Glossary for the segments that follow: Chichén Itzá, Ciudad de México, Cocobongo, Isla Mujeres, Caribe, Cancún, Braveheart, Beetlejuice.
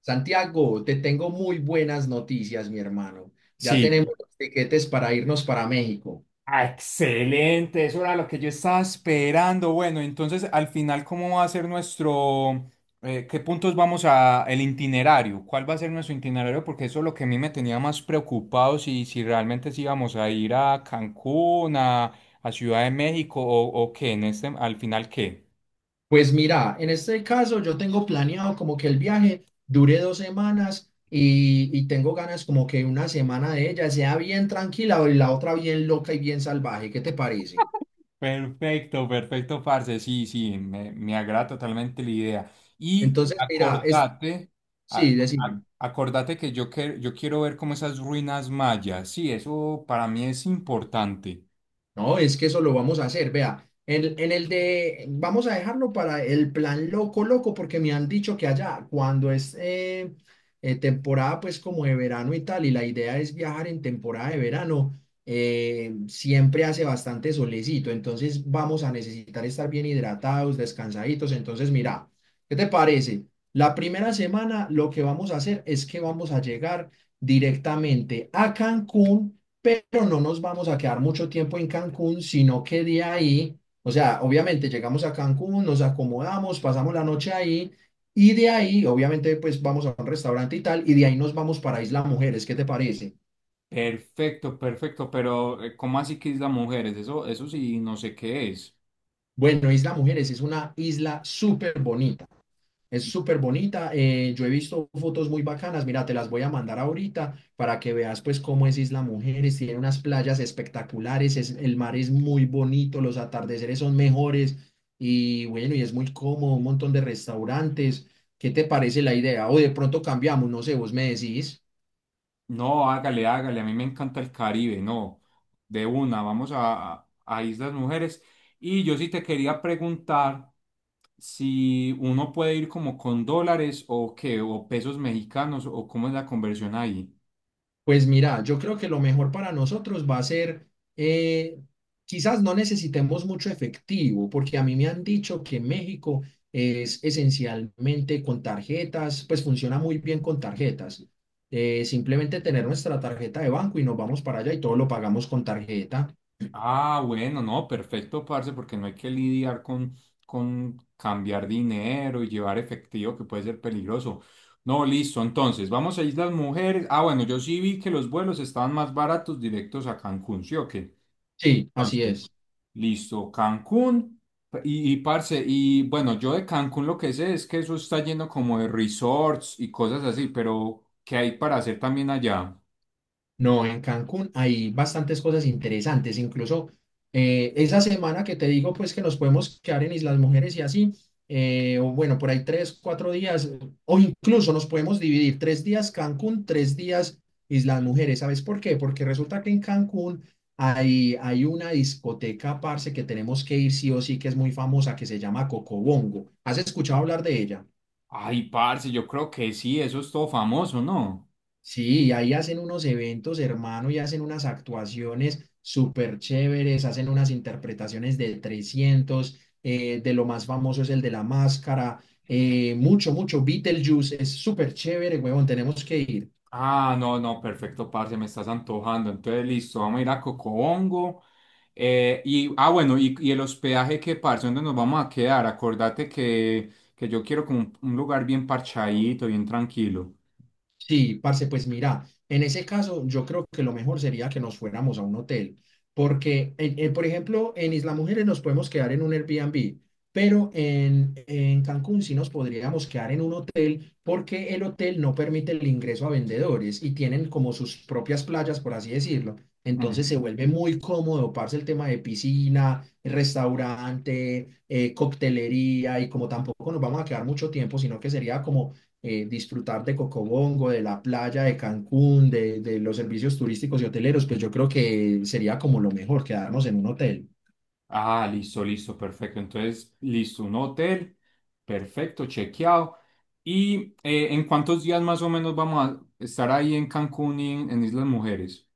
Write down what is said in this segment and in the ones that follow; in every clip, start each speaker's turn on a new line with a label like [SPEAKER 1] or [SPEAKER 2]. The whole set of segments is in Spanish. [SPEAKER 1] Santiago, te tengo muy buenas noticias, mi hermano. Ya
[SPEAKER 2] Sí.
[SPEAKER 1] tenemos los tiquetes para irnos para México.
[SPEAKER 2] Ah, excelente, eso era lo que yo estaba esperando. Bueno, entonces al final, ¿cómo va a ser nuestro, qué puntos vamos a, el itinerario? ¿Cuál va a ser nuestro itinerario? Porque eso es lo que a mí me tenía más preocupado, si realmente sí íbamos a ir a Cancún, a Ciudad de México o qué, en este, al final qué.
[SPEAKER 1] Pues mira, en este caso yo tengo planeado como que el viaje dure dos semanas y tengo ganas como que una semana de ella sea bien tranquila y la otra bien loca y bien salvaje. ¿Qué te parece?
[SPEAKER 2] Perfecto, perfecto, parce. Sí, sí, me agrada totalmente la idea. Y
[SPEAKER 1] Entonces, mira, es,
[SPEAKER 2] acordate, a-
[SPEAKER 1] sí, decime.
[SPEAKER 2] acordate que yo quiero ver como esas ruinas mayas. Sí, eso para mí es importante.
[SPEAKER 1] No, es que eso lo vamos a hacer, vea. En el de, vamos a dejarlo para el plan loco, loco, porque me han dicho que allá, cuando es temporada, pues como de verano y tal, y la idea es viajar en temporada de verano, siempre hace bastante solecito, entonces vamos a necesitar estar bien hidratados, descansaditos. Entonces, mira, ¿qué te parece? La primera semana lo que vamos a hacer es que vamos a llegar directamente a Cancún, pero no nos vamos a quedar mucho tiempo en Cancún, sino que de ahí, o sea, obviamente llegamos a Cancún, nos acomodamos, pasamos la noche ahí y de ahí, obviamente, pues vamos a un restaurante y tal, y de ahí nos vamos para Isla Mujeres, ¿qué te parece?
[SPEAKER 2] Perfecto, perfecto, pero ¿cómo así que Isla Mujeres? Eso sí, no sé qué es.
[SPEAKER 1] Bueno, Isla Mujeres es una isla súper bonita. Es súper bonita. Yo he visto fotos muy bacanas. Mira, te las voy a mandar ahorita para que veas pues cómo es Isla Mujeres. Tiene unas playas espectaculares. Es, el mar es muy bonito. Los atardeceres son mejores. Y bueno, y es muy cómodo. Un montón de restaurantes. ¿Qué te parece la idea? O de pronto cambiamos. No sé, vos me decís.
[SPEAKER 2] No, hágale, hágale, a mí me encanta el Caribe, no. De una, vamos a Islas Mujeres. Y yo sí te quería preguntar. Si uno puede ir como con dólares o qué, o pesos mexicanos, o cómo es la conversión ahí.
[SPEAKER 1] Pues mira, yo creo que lo mejor para nosotros va a ser, eh, quizás no necesitemos mucho efectivo, porque a mí me han dicho que México es esencialmente con tarjetas, pues funciona muy bien con tarjetas. Simplemente tener nuestra tarjeta de banco y nos vamos para allá y todo lo pagamos con tarjeta.
[SPEAKER 2] Ah, bueno, no, perfecto, parce, porque no hay que lidiar con cambiar dinero y llevar efectivo, que puede ser peligroso. No, listo, entonces, vamos a Islas Mujeres. Ah, bueno, yo sí vi que los vuelos estaban más baratos directos a Cancún, ¿sí o qué?
[SPEAKER 1] Sí, así es.
[SPEAKER 2] Entonces, listo, Cancún. Y, parce, y bueno, yo de Cancún lo que sé es que eso está lleno como de resorts y cosas así, pero ¿qué hay para hacer también allá?
[SPEAKER 1] No, en Cancún hay bastantes cosas interesantes, incluso esa semana que te digo, pues que nos podemos quedar en Islas Mujeres y así, o bueno, por ahí tres, cuatro días, o incluso nos podemos dividir tres días Cancún, tres días Islas Mujeres. ¿Sabes por qué? Porque resulta que en Cancún hay una discoteca, parce, que tenemos que ir sí o sí, que es muy famosa, que se llama Cocobongo. ¿Has escuchado hablar de ella?
[SPEAKER 2] Ay, parce, yo creo que sí, eso es todo famoso, ¿no?
[SPEAKER 1] Sí, y ahí hacen unos eventos, hermano, y hacen unas actuaciones súper chéveres, hacen unas interpretaciones de 300, de lo más famoso es el de la máscara, mucho, mucho, Beetlejuice, es súper chévere, huevón, tenemos que ir.
[SPEAKER 2] Ah, no, no, perfecto, parce, me estás antojando. Entonces, listo, vamos a ir a Cocobongo. Y, ah, bueno, y el hospedaje, ¿qué, parce? ¿Dónde nos vamos a quedar? Acordate que yo quiero como un lugar bien parchadito, bien tranquilo.
[SPEAKER 1] Sí, parce, pues mira, en ese caso yo creo que lo mejor sería que nos fuéramos a un hotel, porque, por ejemplo, en Isla Mujeres nos podemos quedar en un Airbnb, pero en Cancún sí nos podríamos quedar en un hotel porque el hotel no permite el ingreso a vendedores y tienen como sus propias playas, por así decirlo. Entonces se vuelve muy cómodo, parce, el tema de piscina, restaurante, coctelería y como tampoco nos vamos a quedar mucho tiempo, sino que sería como disfrutar de Cocobongo, de la playa de Cancún, de los servicios turísticos y hoteleros, pues yo creo que sería como lo mejor, quedarnos en un hotel.
[SPEAKER 2] Ah, listo, listo, perfecto. Entonces, listo, un hotel, perfecto, chequeado. ¿Y en cuántos días más o menos vamos a estar ahí en Cancún y en Islas Mujeres?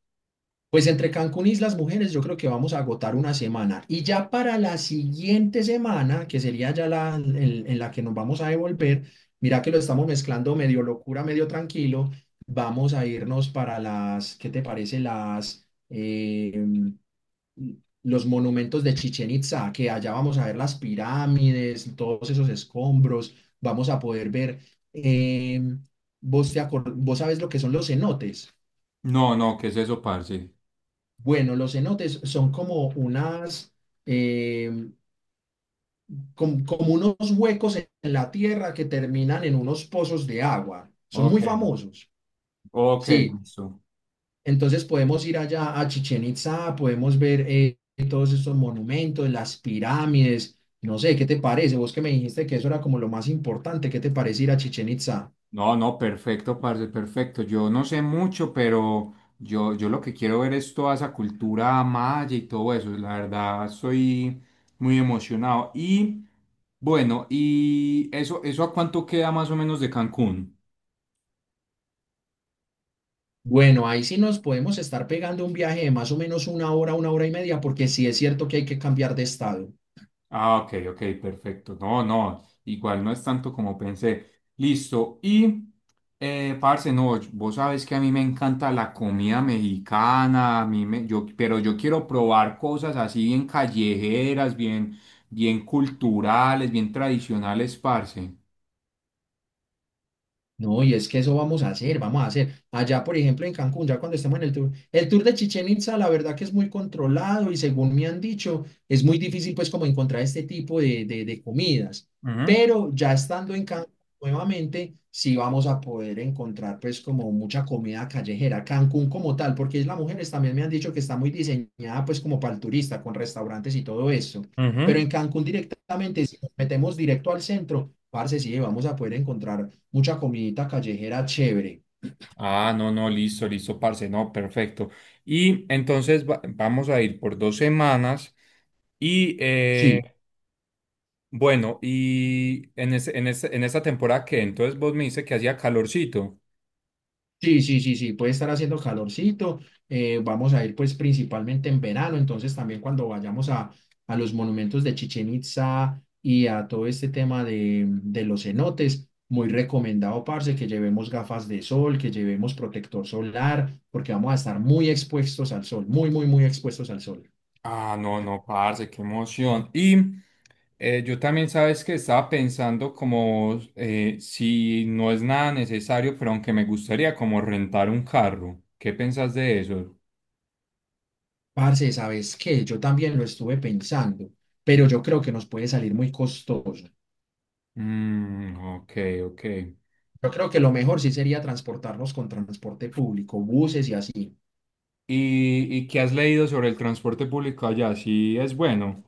[SPEAKER 1] Pues entre Cancún y Islas Mujeres yo creo que vamos a agotar una semana. Y ya para la siguiente semana, que sería ya la en la que nos vamos a devolver, mira que lo estamos mezclando medio locura, medio tranquilo, vamos a irnos para las, ¿qué te parece? Los monumentos de Chichén Itzá, que allá vamos a ver las pirámides, todos esos escombros, vamos a poder ver, eh, vos, vos sabes lo que son los cenotes.
[SPEAKER 2] No, no, ¿qué es eso, parce?
[SPEAKER 1] Bueno, los cenotes son como unas, eh, como unos huecos en la tierra que terminan en unos pozos de agua. Son
[SPEAKER 2] Ok,
[SPEAKER 1] muy famosos.
[SPEAKER 2] ok,
[SPEAKER 1] Sí,
[SPEAKER 2] listo.
[SPEAKER 1] entonces podemos ir allá a Chichén Itzá, podemos ver todos estos monumentos, las pirámides, no sé, ¿qué te parece? Vos que me dijiste que eso era como lo más importante, ¿qué te parece ir a Chichén Itzá?
[SPEAKER 2] No, no, perfecto, parce, perfecto. Yo no sé mucho, pero yo lo que quiero ver es toda esa cultura maya y todo eso. La verdad, estoy muy emocionado. Y bueno, ¿y eso a cuánto queda más o menos de Cancún?
[SPEAKER 1] Bueno, ahí sí nos podemos estar pegando un viaje de más o menos una hora y media, porque sí es cierto que hay que cambiar de estado.
[SPEAKER 2] Ah, ok, ok, perfecto. No, no, igual no es tanto como pensé. Listo. Y, parce, no, vos sabes que a mí me encanta la comida mexicana, a mí me, yo, pero yo quiero probar cosas así bien callejeras, bien, bien culturales, bien tradicionales, parce.
[SPEAKER 1] No, y es que eso vamos a hacer, vamos a hacer. Allá, por ejemplo, en Cancún, ya cuando estemos en el tour de Chichén Itzá, la verdad que es muy controlado y según me han dicho, es muy difícil pues como encontrar este tipo de comidas.
[SPEAKER 2] Ujú,
[SPEAKER 1] Pero ya estando en Cancún nuevamente, sí vamos a poder encontrar pues como mucha comida callejera. Cancún como tal, porque es las mujeres también me han dicho que está muy diseñada pues como para el turista, con restaurantes y todo eso. Pero
[SPEAKER 2] ujú.
[SPEAKER 1] en Cancún directamente, si nos metemos directo al centro, parce, sí, vamos a poder encontrar mucha comidita callejera chévere.
[SPEAKER 2] Ah, no, no, listo, listo, parce, no, perfecto. Y entonces vamos a ir por dos semanas y
[SPEAKER 1] Sí,
[SPEAKER 2] bueno, y en ese, en esa temporada que entonces vos me dices que hacía calorcito.
[SPEAKER 1] sí, sí, sí, sí, puede estar haciendo calorcito. Vamos a ir pues principalmente en verano, entonces también cuando vayamos a los monumentos de Chichen Itza y a todo este tema de los cenotes, muy recomendado, parce, que llevemos gafas de sol, que llevemos protector solar, porque vamos a estar muy expuestos al sol, muy, muy, muy expuestos al sol.
[SPEAKER 2] Ah, no, no, parce, qué emoción. Y yo también sabes que estaba pensando como si no es nada necesario, pero aunque me gustaría como rentar un carro. ¿Qué pensás de eso?
[SPEAKER 1] Parce, ¿sabes qué? Yo también lo estuve pensando, pero yo creo que nos puede salir muy costoso.
[SPEAKER 2] Mm, ok, ok.
[SPEAKER 1] Yo creo que lo mejor sí sería transportarnos con transporte público, buses y así.
[SPEAKER 2] Y qué has leído sobre el transporte público allá? ¿Sí es bueno?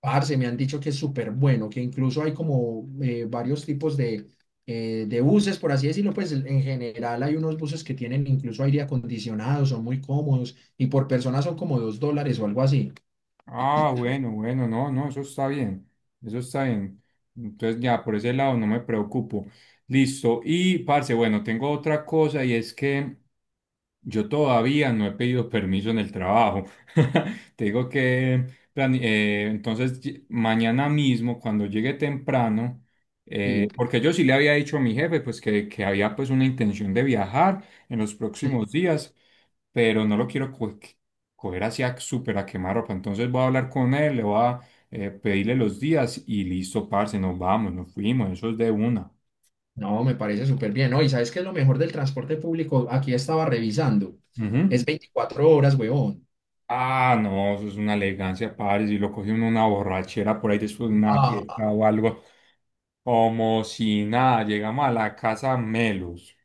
[SPEAKER 1] Parce, me han dicho que es súper bueno, que incluso hay como varios tipos de buses, por así decirlo, pues en general hay unos buses que tienen incluso aire acondicionado, son muy cómodos y por persona son como $2 o algo así.
[SPEAKER 2] Ah, bueno, bueno, no, no, eso está bien, eso está bien. Entonces ya, por ese lado no me preocupo. Listo. Y, parce, bueno, tengo otra cosa y es que yo todavía no he pedido permiso en el trabajo. Te digo que entonces mañana mismo, cuando llegue temprano,
[SPEAKER 1] Sí,
[SPEAKER 2] porque yo sí le había dicho a mi jefe pues que había pues una intención de viajar en los
[SPEAKER 1] sí.
[SPEAKER 2] próximos días, pero no lo quiero coger hacia súper a quemarropa. Entonces voy a hablar con él, le voy a pedirle los días y listo, parce, nos vamos, nos fuimos, eso es de una.
[SPEAKER 1] No, me parece súper bien, ¿no? Y sabes qué es lo mejor del transporte público, aquí estaba revisando,
[SPEAKER 2] Ujú.
[SPEAKER 1] es 24 horas, huevón.
[SPEAKER 2] Ah, no, eso es una elegancia, padre. Si lo coge uno una borrachera por ahí después de una fiesta o algo, como si nada, llegamos a la casa melos.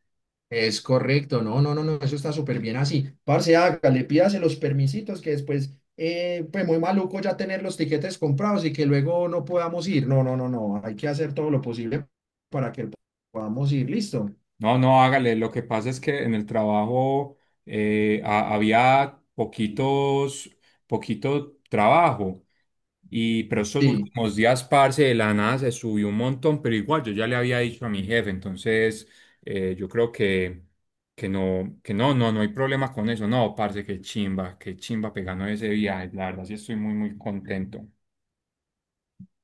[SPEAKER 1] Es correcto, no, no, no, no, eso está súper bien así. Parce, hágale, pídase los permisitos que después, pues muy maluco ya tener los tiquetes comprados y que luego no podamos ir. No, no, no, no, hay que hacer todo lo posible para que podamos ir, listo.
[SPEAKER 2] No, no, hágale. Lo que pasa es que en el trabajo había poquitos, poquito trabajo. Y pero estos
[SPEAKER 1] Sí.
[SPEAKER 2] últimos días, parce, de la nada se subió un montón, pero igual yo ya le había dicho a mi jefe, entonces yo creo que, que no hay problema con eso. No, parce, qué chimba pegando ese viaje. La verdad, sí estoy muy, muy contento.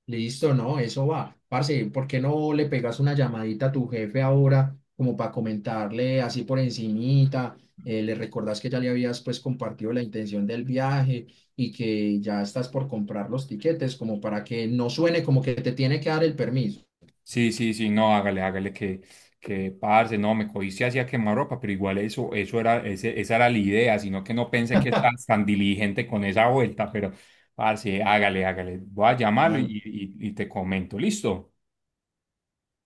[SPEAKER 1] Listo, no, eso va. Parce, ¿por qué no le pegas una llamadita a tu jefe ahora como para comentarle así por encimita? Le recordás que ya le habías pues compartido la intención del viaje y que ya estás por comprar los tiquetes como para que no suene como que te tiene que dar el permiso.
[SPEAKER 2] Sí, sí, sí, no, hágale, hágale que parce, no, me cogiste hacia ropa, pero igual eso, eso era, esa era la idea, sino que no pensé que estás tan diligente con esa vuelta, pero parce, hágale, hágale. Voy a llamarlo
[SPEAKER 1] Ah, no.
[SPEAKER 2] y, y te comento, ¿listo?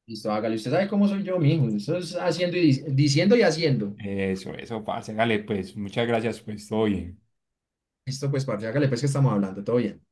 [SPEAKER 1] Listo, hágale. Usted sabe cómo soy yo, mijo. Eso es haciendo y diciendo y haciendo.
[SPEAKER 2] Eso, parce, hágale, pues, muchas gracias, pues, todo bien.
[SPEAKER 1] Listo, pues, parce, hágale pues que estamos hablando. Todo bien.